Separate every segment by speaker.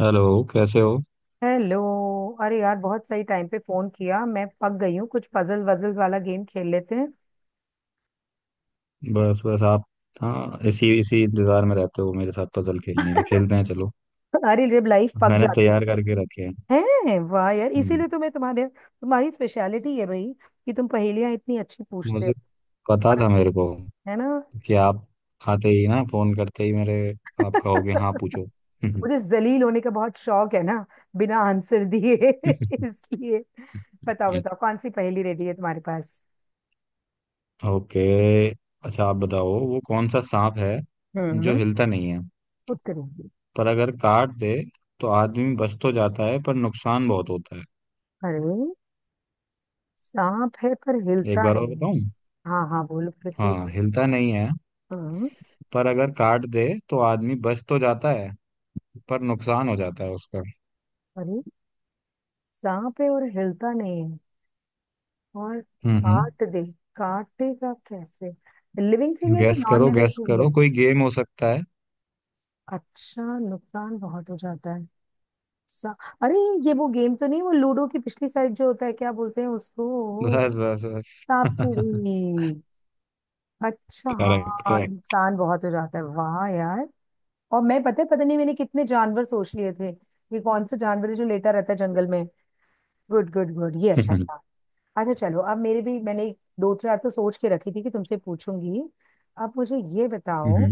Speaker 1: Hello. कैसे हो?
Speaker 2: Hello. अरे यार बहुत सही टाइम पे फोन किया, मैं पक गई हूँ। कुछ पजल वजल वाला गेम खेल लेते हैं।
Speaker 1: बस बस आप। हाँ, इसी इसी इंतजार में रहते हो मेरे साथ। पजल खेलने के? खेलते हैं चलो।
Speaker 2: अरे जब लाइफ पक
Speaker 1: मैंने
Speaker 2: जाती
Speaker 1: तैयार करके रखे हैं।
Speaker 2: है। हैं, वाह यार,
Speaker 1: हम्म।
Speaker 2: इसीलिए तो मैं तुम्हारे तुम्हारी स्पेशलिटी है भाई कि तुम पहेलियां इतनी अच्छी पूछते हो।
Speaker 1: मुझे पता
Speaker 2: और
Speaker 1: था मेरे को,
Speaker 2: है ना,
Speaker 1: कि आप आते ही ना, फोन करते ही मेरे, आप कहोगे हाँ पूछो।
Speaker 2: मुझे जलील होने का बहुत शौक है ना, बिना आंसर दिए इसलिए। बताओ बताओ कौन सी पहेली रेडी है तुम्हारे पास।
Speaker 1: ओके। अच्छा आप बताओ, वो कौन सा सांप है जो
Speaker 2: हम्म।
Speaker 1: हिलता नहीं है,
Speaker 2: खुद करूंगी।
Speaker 1: पर अगर काट दे तो आदमी बच तो जाता है, पर नुकसान बहुत होता है।
Speaker 2: अरे सांप है पर
Speaker 1: एक
Speaker 2: हिलता
Speaker 1: बार और
Speaker 2: नहीं।
Speaker 1: बताऊं?
Speaker 2: हाँ हाँ बोलो फिर से एक
Speaker 1: हाँ,
Speaker 2: बार।
Speaker 1: हिलता नहीं है,
Speaker 2: हम्म,
Speaker 1: पर अगर काट दे तो आदमी बच तो जाता है, पर नुकसान हो जाता है उसका।
Speaker 2: अरे सांप है और हिलता नहीं है। और
Speaker 1: हम्म हम्म
Speaker 2: काट दे, काटेगा कैसे? लिविंग थिंग है कि
Speaker 1: गैस
Speaker 2: नॉन
Speaker 1: करो,
Speaker 2: लिविंग
Speaker 1: गैस
Speaker 2: थिंग
Speaker 1: करो,
Speaker 2: है?
Speaker 1: कोई गेम हो सकता है।
Speaker 2: अच्छा, नुकसान बहुत हो जाता है। सा... अरे, ये वो गेम तो नहीं, वो लूडो की पिछली साइड जो होता है, क्या बोलते हैं उसको?
Speaker 1: बस बस बस।
Speaker 2: सांप सीढ़ी। अच्छा
Speaker 1: करेक्ट
Speaker 2: हाँ,
Speaker 1: करेक्ट।
Speaker 2: नुकसान बहुत हो जाता है, वाह यार। और मैं, पता है, पता नहीं मैंने कितने जानवर सोच लिए थे कि कौन सा जानवर है जो लेटा रहता है जंगल में। गुड गुड गुड, ये अच्छा था। अच्छा चलो, अब मेरे भी, मैंने दो चार तो सोच के रखी थी कि तुमसे पूछूंगी। अब मुझे ये बताओ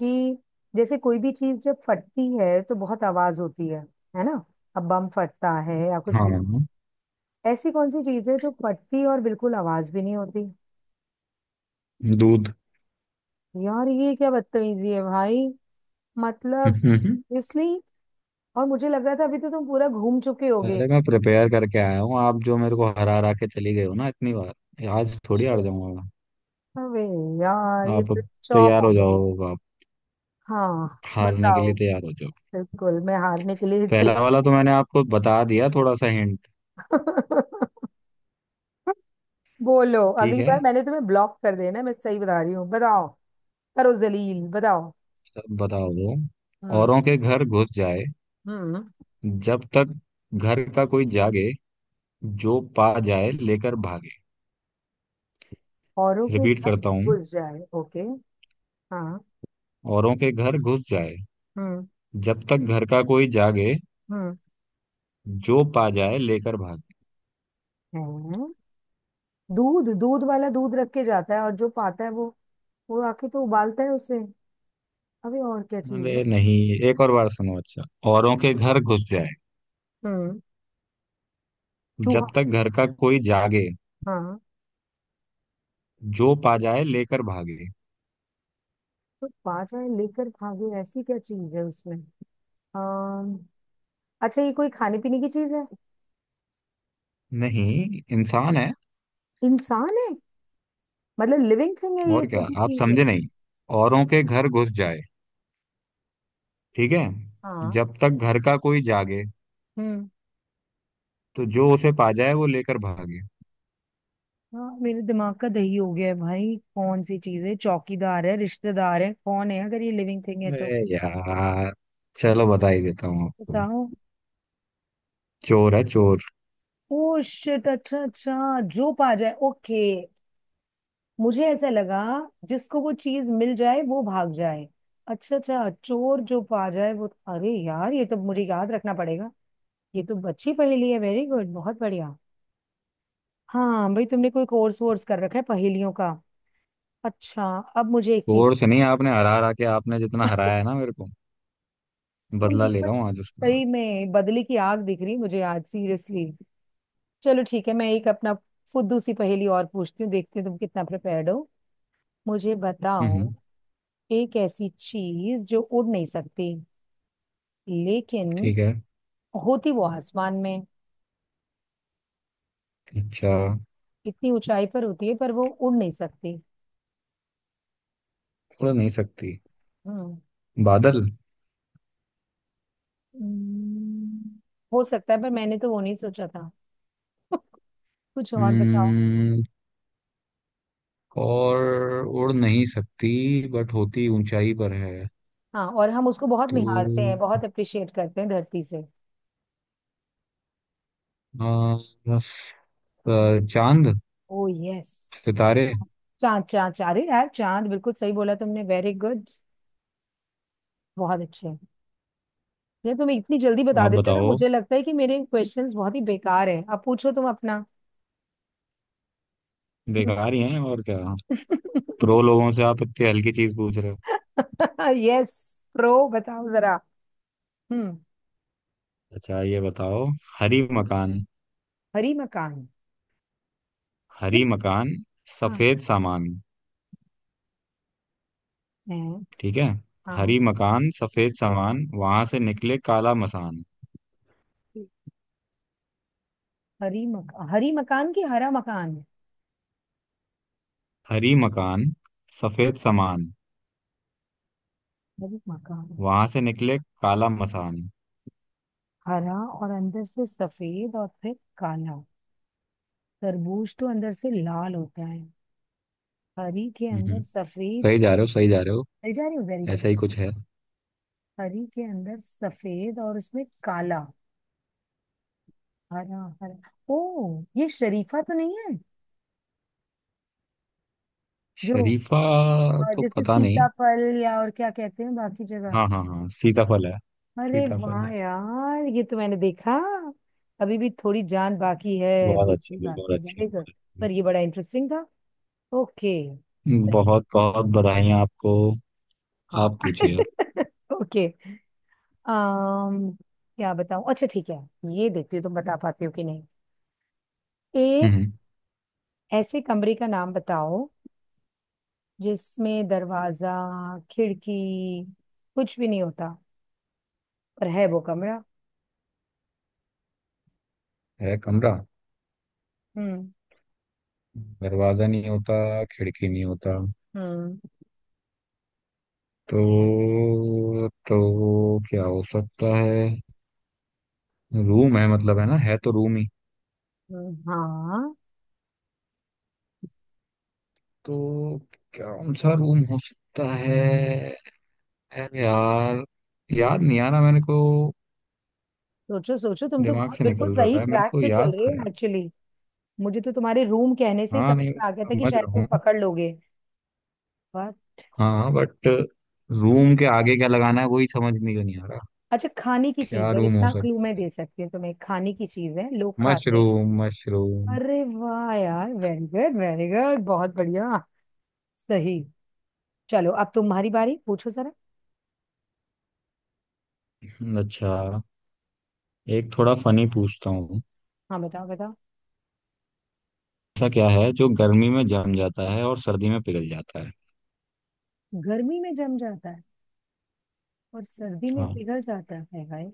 Speaker 2: कि जैसे कोई भी चीज जब फटती है तो बहुत आवाज होती है ना? अब बम फटता है या कुछ भी।
Speaker 1: हाँ।
Speaker 2: ऐसी कौन सी चीज है जो फटती है और बिल्कुल आवाज भी नहीं होती?
Speaker 1: दूध।
Speaker 2: यार ये क्या बदतमीजी है भाई। मतलब,
Speaker 1: हम्म।
Speaker 2: इसलिए। और मुझे लग रहा था अभी तो तुम पूरा घूम चुके होगे।
Speaker 1: अरे, मैं प्रिपेयर करके आया हूँ। आप जो मेरे को हरा हरा के चली गए हो ना इतनी बार, आज थोड़ी हार
Speaker 2: Shit.
Speaker 1: जाऊंगा।
Speaker 2: अबे यार, ये
Speaker 1: आप
Speaker 2: तो
Speaker 1: अब
Speaker 2: चौप
Speaker 1: तैयार
Speaker 2: हो
Speaker 1: हो
Speaker 2: गई।
Speaker 1: जाओ। आप
Speaker 2: हाँ
Speaker 1: हारने के
Speaker 2: बताओ।
Speaker 1: लिए तैयार हो जाओ।
Speaker 2: बिल्कुल, मैं हारने के लिए
Speaker 1: पहला वाला
Speaker 2: तैयार।
Speaker 1: तो मैंने आपको बता दिया थोड़ा सा हिंट।
Speaker 2: बोलो,
Speaker 1: ठीक
Speaker 2: अगली
Speaker 1: है,
Speaker 2: बार मैंने तुम्हें ब्लॉक कर देना, मैं सही बता रही हूँ, बताओ। करो जलील, बताओ।
Speaker 1: तब बताओ वो।
Speaker 2: हम्म
Speaker 1: औरों के घर घुस जाए,
Speaker 2: हम्म।
Speaker 1: जब तक घर का कोई जागे, जो पा जाए लेकर भागे।
Speaker 2: औरों के
Speaker 1: रिपीट
Speaker 2: घर
Speaker 1: करता हूँ।
Speaker 2: घुस जाए। ओके। हाँ।
Speaker 1: औरों के घर घुस जाए,
Speaker 2: हम्म
Speaker 1: जब तक घर का कोई जागे,
Speaker 2: हम्म।
Speaker 1: जो पा जाए लेकर भागे।
Speaker 2: है, दूध, दूध वाला दूध रख के जाता है और जो पाता है वो आके तो उबालता है उसे। अबे और क्या चीज
Speaker 1: अरे
Speaker 2: है?
Speaker 1: नहीं, एक और बार सुनो अच्छा। औरों के घर घुस जाए,
Speaker 2: हम्म।
Speaker 1: जब
Speaker 2: चूहा?
Speaker 1: तक घर का कोई जागे,
Speaker 2: हाँ।
Speaker 1: जो पा जाए लेकर भागे।
Speaker 2: तो पा जाए लेकर भागे, ऐसी क्या चीज है उसमें? अम, अच्छा, ये कोई खाने पीने की चीज है?
Speaker 1: नहीं, इंसान है।
Speaker 2: इंसान है? मतलब लिविंग थिंग है, ये
Speaker 1: और क्या,
Speaker 2: जो भी
Speaker 1: आप
Speaker 2: चीज है।
Speaker 1: समझे नहीं? औरों के घर घुस जाए, ठीक है?
Speaker 2: हाँ।
Speaker 1: जब तक घर का कोई जागे,
Speaker 2: हम्म।
Speaker 1: तो जो उसे पा जाए वो लेकर भागे।
Speaker 2: हाँ, मेरे दिमाग का दही हो गया है भाई, कौन सी चीज है, चौकीदार है, रिश्तेदार है, कौन है अगर ये लिविंग थिंग है तो?
Speaker 1: अरे यार, चलो बता ही देता हूँ आपको।
Speaker 2: बताओ।
Speaker 1: चोर है, चोर।
Speaker 2: ओ शिट, अच्छा अच्छा, जो पा जाए, ओके। मुझे ऐसा लगा जिसको वो चीज मिल जाए वो भाग जाए। अच्छा अच्छा, चोर जो पा जाए वो। अरे यार, ये तो मुझे याद रखना पड़ेगा। ये तो अच्छी पहेली है, वेरी गुड, बहुत बढ़िया। हाँ भाई, तुमने कोई कोर्स वोर्स कर रखा है पहेलियों का? अच्छा, अब मुझे एक चीज।
Speaker 1: चोर से नहीं, आपने हरा हरा के, आपने जितना हराया है ना मेरे को,
Speaker 2: तुम
Speaker 1: बदला ले
Speaker 2: बिल्कुल
Speaker 1: रहा हूँ आज उसका मैं।
Speaker 2: सही में, बदली की आग दिख रही मुझे आज, सीरियसली। चलो ठीक है, मैं एक अपना फुद्दू सी पहेली और पूछती हूँ, देखती हूँ तुम कितना प्रिपेयर्ड हो। मुझे बताओ,
Speaker 1: हम्म।
Speaker 2: एक ऐसी चीज जो उड़ नहीं सकती, लेकिन
Speaker 1: ठीक है।
Speaker 2: होती वो आसमान में,
Speaker 1: अच्छा।
Speaker 2: इतनी ऊंचाई पर होती है पर वो उड़ नहीं सकती।
Speaker 1: उड़ नहीं सकती?
Speaker 2: हम्म।
Speaker 1: बादल।
Speaker 2: हम्म, हो सकता है, पर मैंने तो वो नहीं सोचा था। कुछ और बताओ।
Speaker 1: हम्म। और? उड़ नहीं सकती, बट होती ऊंचाई पर है।
Speaker 2: हाँ, और हम उसको बहुत
Speaker 1: तो
Speaker 2: निहारते हैं, बहुत अप्रिशिएट करते हैं धरती से।
Speaker 1: आ, बस, चांद,
Speaker 2: ओ यस।
Speaker 1: सितारे।
Speaker 2: चांद चांद चांद, अरे यार, चांद बिल्कुल सही बोला तुमने, वेरी गुड, बहुत अच्छे। ये तुम इतनी जल्दी बता
Speaker 1: आप
Speaker 2: देते हो ना,
Speaker 1: बताओ।
Speaker 2: मुझे लगता है कि मेरे क्वेश्चंस बहुत ही बेकार है। अब पूछो तुम अपना।
Speaker 1: बेकार ही हैं और क्या। प्रो लोगों से आप इतनी हल्की चीज पूछ रहे हो?
Speaker 2: यस, प्रो, बताओ जरा। हम्म।
Speaker 1: अच्छा ये बताओ। हरी मकान।
Speaker 2: हरी मकान। कि?
Speaker 1: हरी मकान
Speaker 2: हाँ।
Speaker 1: सफेद सामान।
Speaker 2: है।
Speaker 1: ठीक है।
Speaker 2: हाँ।
Speaker 1: हरी मकान, सफेद सामान, वहां से निकले काला मसान।
Speaker 2: हरी मकान, हरी मकान की, हरा मकान।
Speaker 1: हरी मकान, सफेद सामान,
Speaker 2: हरी मकान।
Speaker 1: वहां से निकले काला मसान।
Speaker 2: हरा, और अंदर से सफेद, और फिर काला। तरबूज तो अंदर से लाल होता है। हरी के अंदर
Speaker 1: हम्म।
Speaker 2: सफेद।
Speaker 1: सही जा रहे हो, सही जा रहे हो।
Speaker 2: मिल जा रही हूँ, वेरी गुड।
Speaker 1: ऐसा ही कुछ है।
Speaker 2: हरी के अंदर सफेद और उसमें काला। हरा हरा, ओ ये शरीफा तो नहीं है? जो
Speaker 1: शरीफा? तो
Speaker 2: जैसे
Speaker 1: पता नहीं।
Speaker 2: सीताफल, या और क्या कहते हैं बाकी जगह?
Speaker 1: हाँ हाँ हाँ, सीताफल है।
Speaker 2: अरे
Speaker 1: सीताफल
Speaker 2: वाह
Speaker 1: है।
Speaker 2: यार, ये तो मैंने देखा। अभी भी थोड़ी जान बाकी है,
Speaker 1: बहुत अच्छे,
Speaker 2: बुद्धि
Speaker 1: बहुत
Speaker 2: बाकी है,
Speaker 1: अच्छे,
Speaker 2: very good।
Speaker 1: बहुत अच्छे।
Speaker 2: पर ये बड़ा इंटरेस्टिंग था। ओके। सही।
Speaker 1: बहुत बहुत बधाई आपको।
Speaker 2: हाँ।
Speaker 1: आप पूछिए।
Speaker 2: ओके। um, क्या बताऊं, अच्छा ठीक है। ये देखती हूँ तुम बता पाते हो कि नहीं। एक
Speaker 1: हम्म।
Speaker 2: ऐसे कमरे का नाम बताओ जिसमें दरवाजा, खिड़की कुछ भी नहीं होता, पर है वो कमरा।
Speaker 1: है, कमरा?
Speaker 2: हम्म।
Speaker 1: दरवाजा नहीं होता, खिड़की नहीं होता,
Speaker 2: हम्म।
Speaker 1: तो क्या हो सकता है? रूम है मतलब, है ना, है तो रूम ही।
Speaker 2: हाँ।
Speaker 1: तो कौन सा रूम हो सकता है? अरे यार, याद नहीं आ रहा मेरे को।
Speaker 2: सोचो सोचो, तुम तो
Speaker 1: दिमाग
Speaker 2: बहुत,
Speaker 1: से
Speaker 2: बिल्कुल
Speaker 1: निकल
Speaker 2: सही
Speaker 1: रहा है, मेरे
Speaker 2: ट्रैक
Speaker 1: को
Speaker 2: पे चल
Speaker 1: याद
Speaker 2: रहे हो
Speaker 1: था यार।
Speaker 2: एक्चुअली। मुझे तो तुम्हारे रूम कहने से ही
Speaker 1: हाँ
Speaker 2: समझ
Speaker 1: नहीं, मैं
Speaker 2: में आ गया था कि
Speaker 1: समझ
Speaker 2: शायद
Speaker 1: रहा
Speaker 2: तुम
Speaker 1: हूँ।
Speaker 2: पकड़ लोगे। पर,
Speaker 1: हाँ बट, रूम के आगे क्या लगाना है वही समझ नहीं नहीं आ रहा।
Speaker 2: अच्छा, खाने की
Speaker 1: क्या
Speaker 2: चीज है,
Speaker 1: रूम हो
Speaker 2: इतना क्लू
Speaker 1: सकता
Speaker 2: मैं
Speaker 1: है?
Speaker 2: दे सकती हूँ तुम्हें, खाने की चीज है, लोग खाते हैं।
Speaker 1: Mushroom, mushroom!
Speaker 2: अरे वाह यार, वेरी गुड वेरी गुड, बहुत बढ़िया, सही। चलो अब तुम्हारी बारी, पूछो जरा।
Speaker 1: अच्छा, एक थोड़ा फनी पूछता हूँ।
Speaker 2: हाँ बताओ बताओ।
Speaker 1: ऐसा क्या है जो गर्मी में जम जाता है और सर्दी में पिघल जाता है?
Speaker 2: गर्मी में जम जाता है और सर्दी में
Speaker 1: हाँ।
Speaker 2: पिघल जाता है, हाय।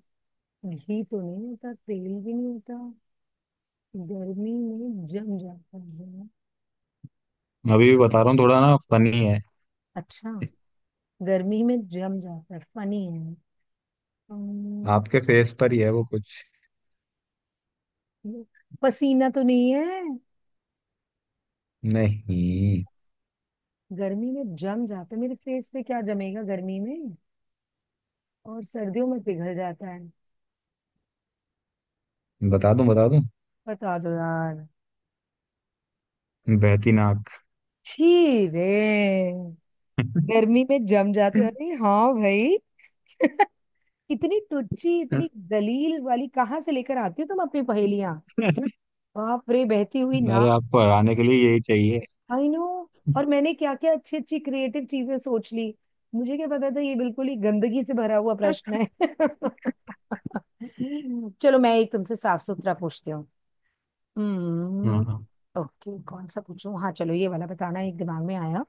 Speaker 2: घी तो नहीं होता, तेल भी नहीं होता। गर्मी में जम जाता है।
Speaker 1: मैं अभी भी बता रहा हूँ, थोड़ा ना फनी है।
Speaker 2: अच्छा। गर्मी में जम जाता है, फनी है। हम्म,
Speaker 1: आपके फेस पर ही है वो कुछ।
Speaker 2: पसीना तो नहीं है?
Speaker 1: नहीं।
Speaker 2: गर्मी में जम जाता है, मेरे फेस पे क्या जमेगा गर्मी में, और सर्दियों में पिघल जाता है?
Speaker 1: बता दूं, बता दूं?
Speaker 2: बता दो यार।
Speaker 1: बहती नाक।
Speaker 2: छी रे, गर्मी में जम जाती है, अरे हाँ भाई। इतनी टुच्ची, इतनी दलील वाली कहाँ से लेकर आती हो तुम अपनी पहेलियां? बाप रे, बहती हुई ना।
Speaker 1: अरे, आपको हराने के लिए यही चाहिए।
Speaker 2: I know. और मैंने क्या क्या अच्छी अच्छी क्रिएटिव चीजें सोच ली, मुझे क्या पता था ये बिल्कुल ही गंदगी से भरा हुआ प्रश्न है। चलो, मैं एक तुमसे साफ सुथरा पूछती हूँ। हम्म।
Speaker 1: हाँ हाँ।
Speaker 2: ओके, कौन सा पूछूं, हाँ चलो ये वाला बताना, एक दिमाग में आया।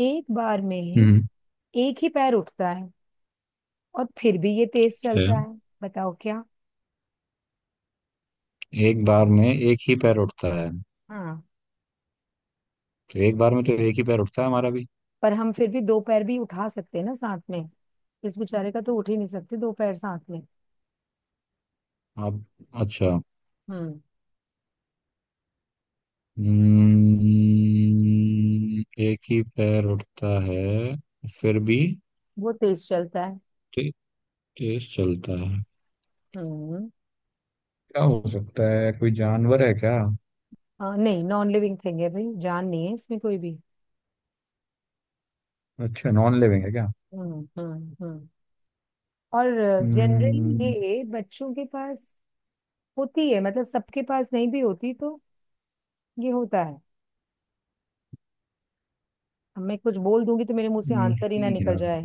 Speaker 2: एक बार में
Speaker 1: हम्म
Speaker 2: एक ही पैर उठता है, और फिर भी ये तेज चलता
Speaker 1: अच्छा,
Speaker 2: है। बताओ क्या।
Speaker 1: एक बार में एक ही पैर उठता है?
Speaker 2: हाँ।
Speaker 1: तो एक बार में तो एक ही पैर उठता है हमारा भी।
Speaker 2: पर हम फिर भी दो पैर भी उठा सकते हैं ना साथ में, इस बेचारे का तो उठ ही नहीं सकते दो पैर साथ में।
Speaker 1: आप? अच्छा।
Speaker 2: हम्म।
Speaker 1: एक ही पैर उठता है, फिर भी
Speaker 2: वो तेज चलता है।
Speaker 1: ते- तेज चलता है।
Speaker 2: हम्म।
Speaker 1: क्या हो सकता है? कोई जानवर है क्या?
Speaker 2: हाँ नहीं, नॉन लिविंग थिंग है भाई, जान नहीं है इसमें कोई भी।
Speaker 1: अच्छा, नॉन लिविंग है क्या?
Speaker 2: हम्म। और जनरली
Speaker 1: हम्म,
Speaker 2: ये बच्चों के पास होती है, मतलब सबके पास नहीं भी होती, तो ये होता है। अब मैं कुछ बोल दूंगी तो मेरे मुंह से आंसर ही ना
Speaker 1: नहीं
Speaker 2: निकल
Speaker 1: यार।
Speaker 2: जाए।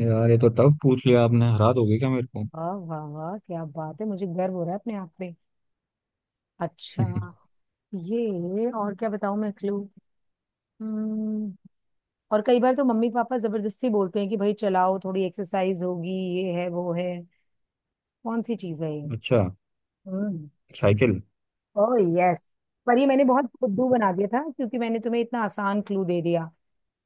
Speaker 1: यार, ये तो टफ पूछ लिया आपने। हरा दोगे क्या मेरे को?
Speaker 2: वाह वाह वाह, क्या बात है, मुझे गर्व हो रहा है अपने आप पे। अच्छा, ये और क्या बताऊं मैं क्लू। हम्म। और कई बार तो मम्मी पापा जबरदस्ती बोलते हैं कि भाई चलाओ, थोड़ी एक्सरसाइज होगी, ये है वो है। कौन सी चीज है ये?
Speaker 1: अच्छा।
Speaker 2: हम्म।
Speaker 1: साइकिल।
Speaker 2: Oh yes. पर ये मैंने बहुत खुद्दू बना दिया था क्योंकि मैंने तुम्हें इतना आसान क्लू दे दिया।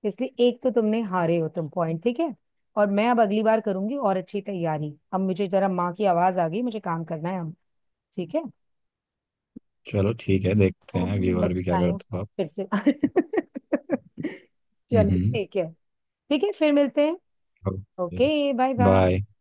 Speaker 2: इसलिए एक तो तुमने, हारे हो तुम, पॉइंट ठीक है। और मैं अब अगली बार करूंगी और अच्छी तैयारी। अब मुझे जरा माँ की आवाज आ गई, मुझे काम करना है, हम। ठीक है।
Speaker 1: चलो ठीक है, देखते हैं अगली बार
Speaker 2: नेक्स्ट
Speaker 1: भी क्या
Speaker 2: टाइम
Speaker 1: करते हो आप।
Speaker 2: फिर से। चलो
Speaker 1: हम्म
Speaker 2: ठीक है। ठीक है, फिर मिलते हैं। ओके। Bye
Speaker 1: bye.
Speaker 2: बाय।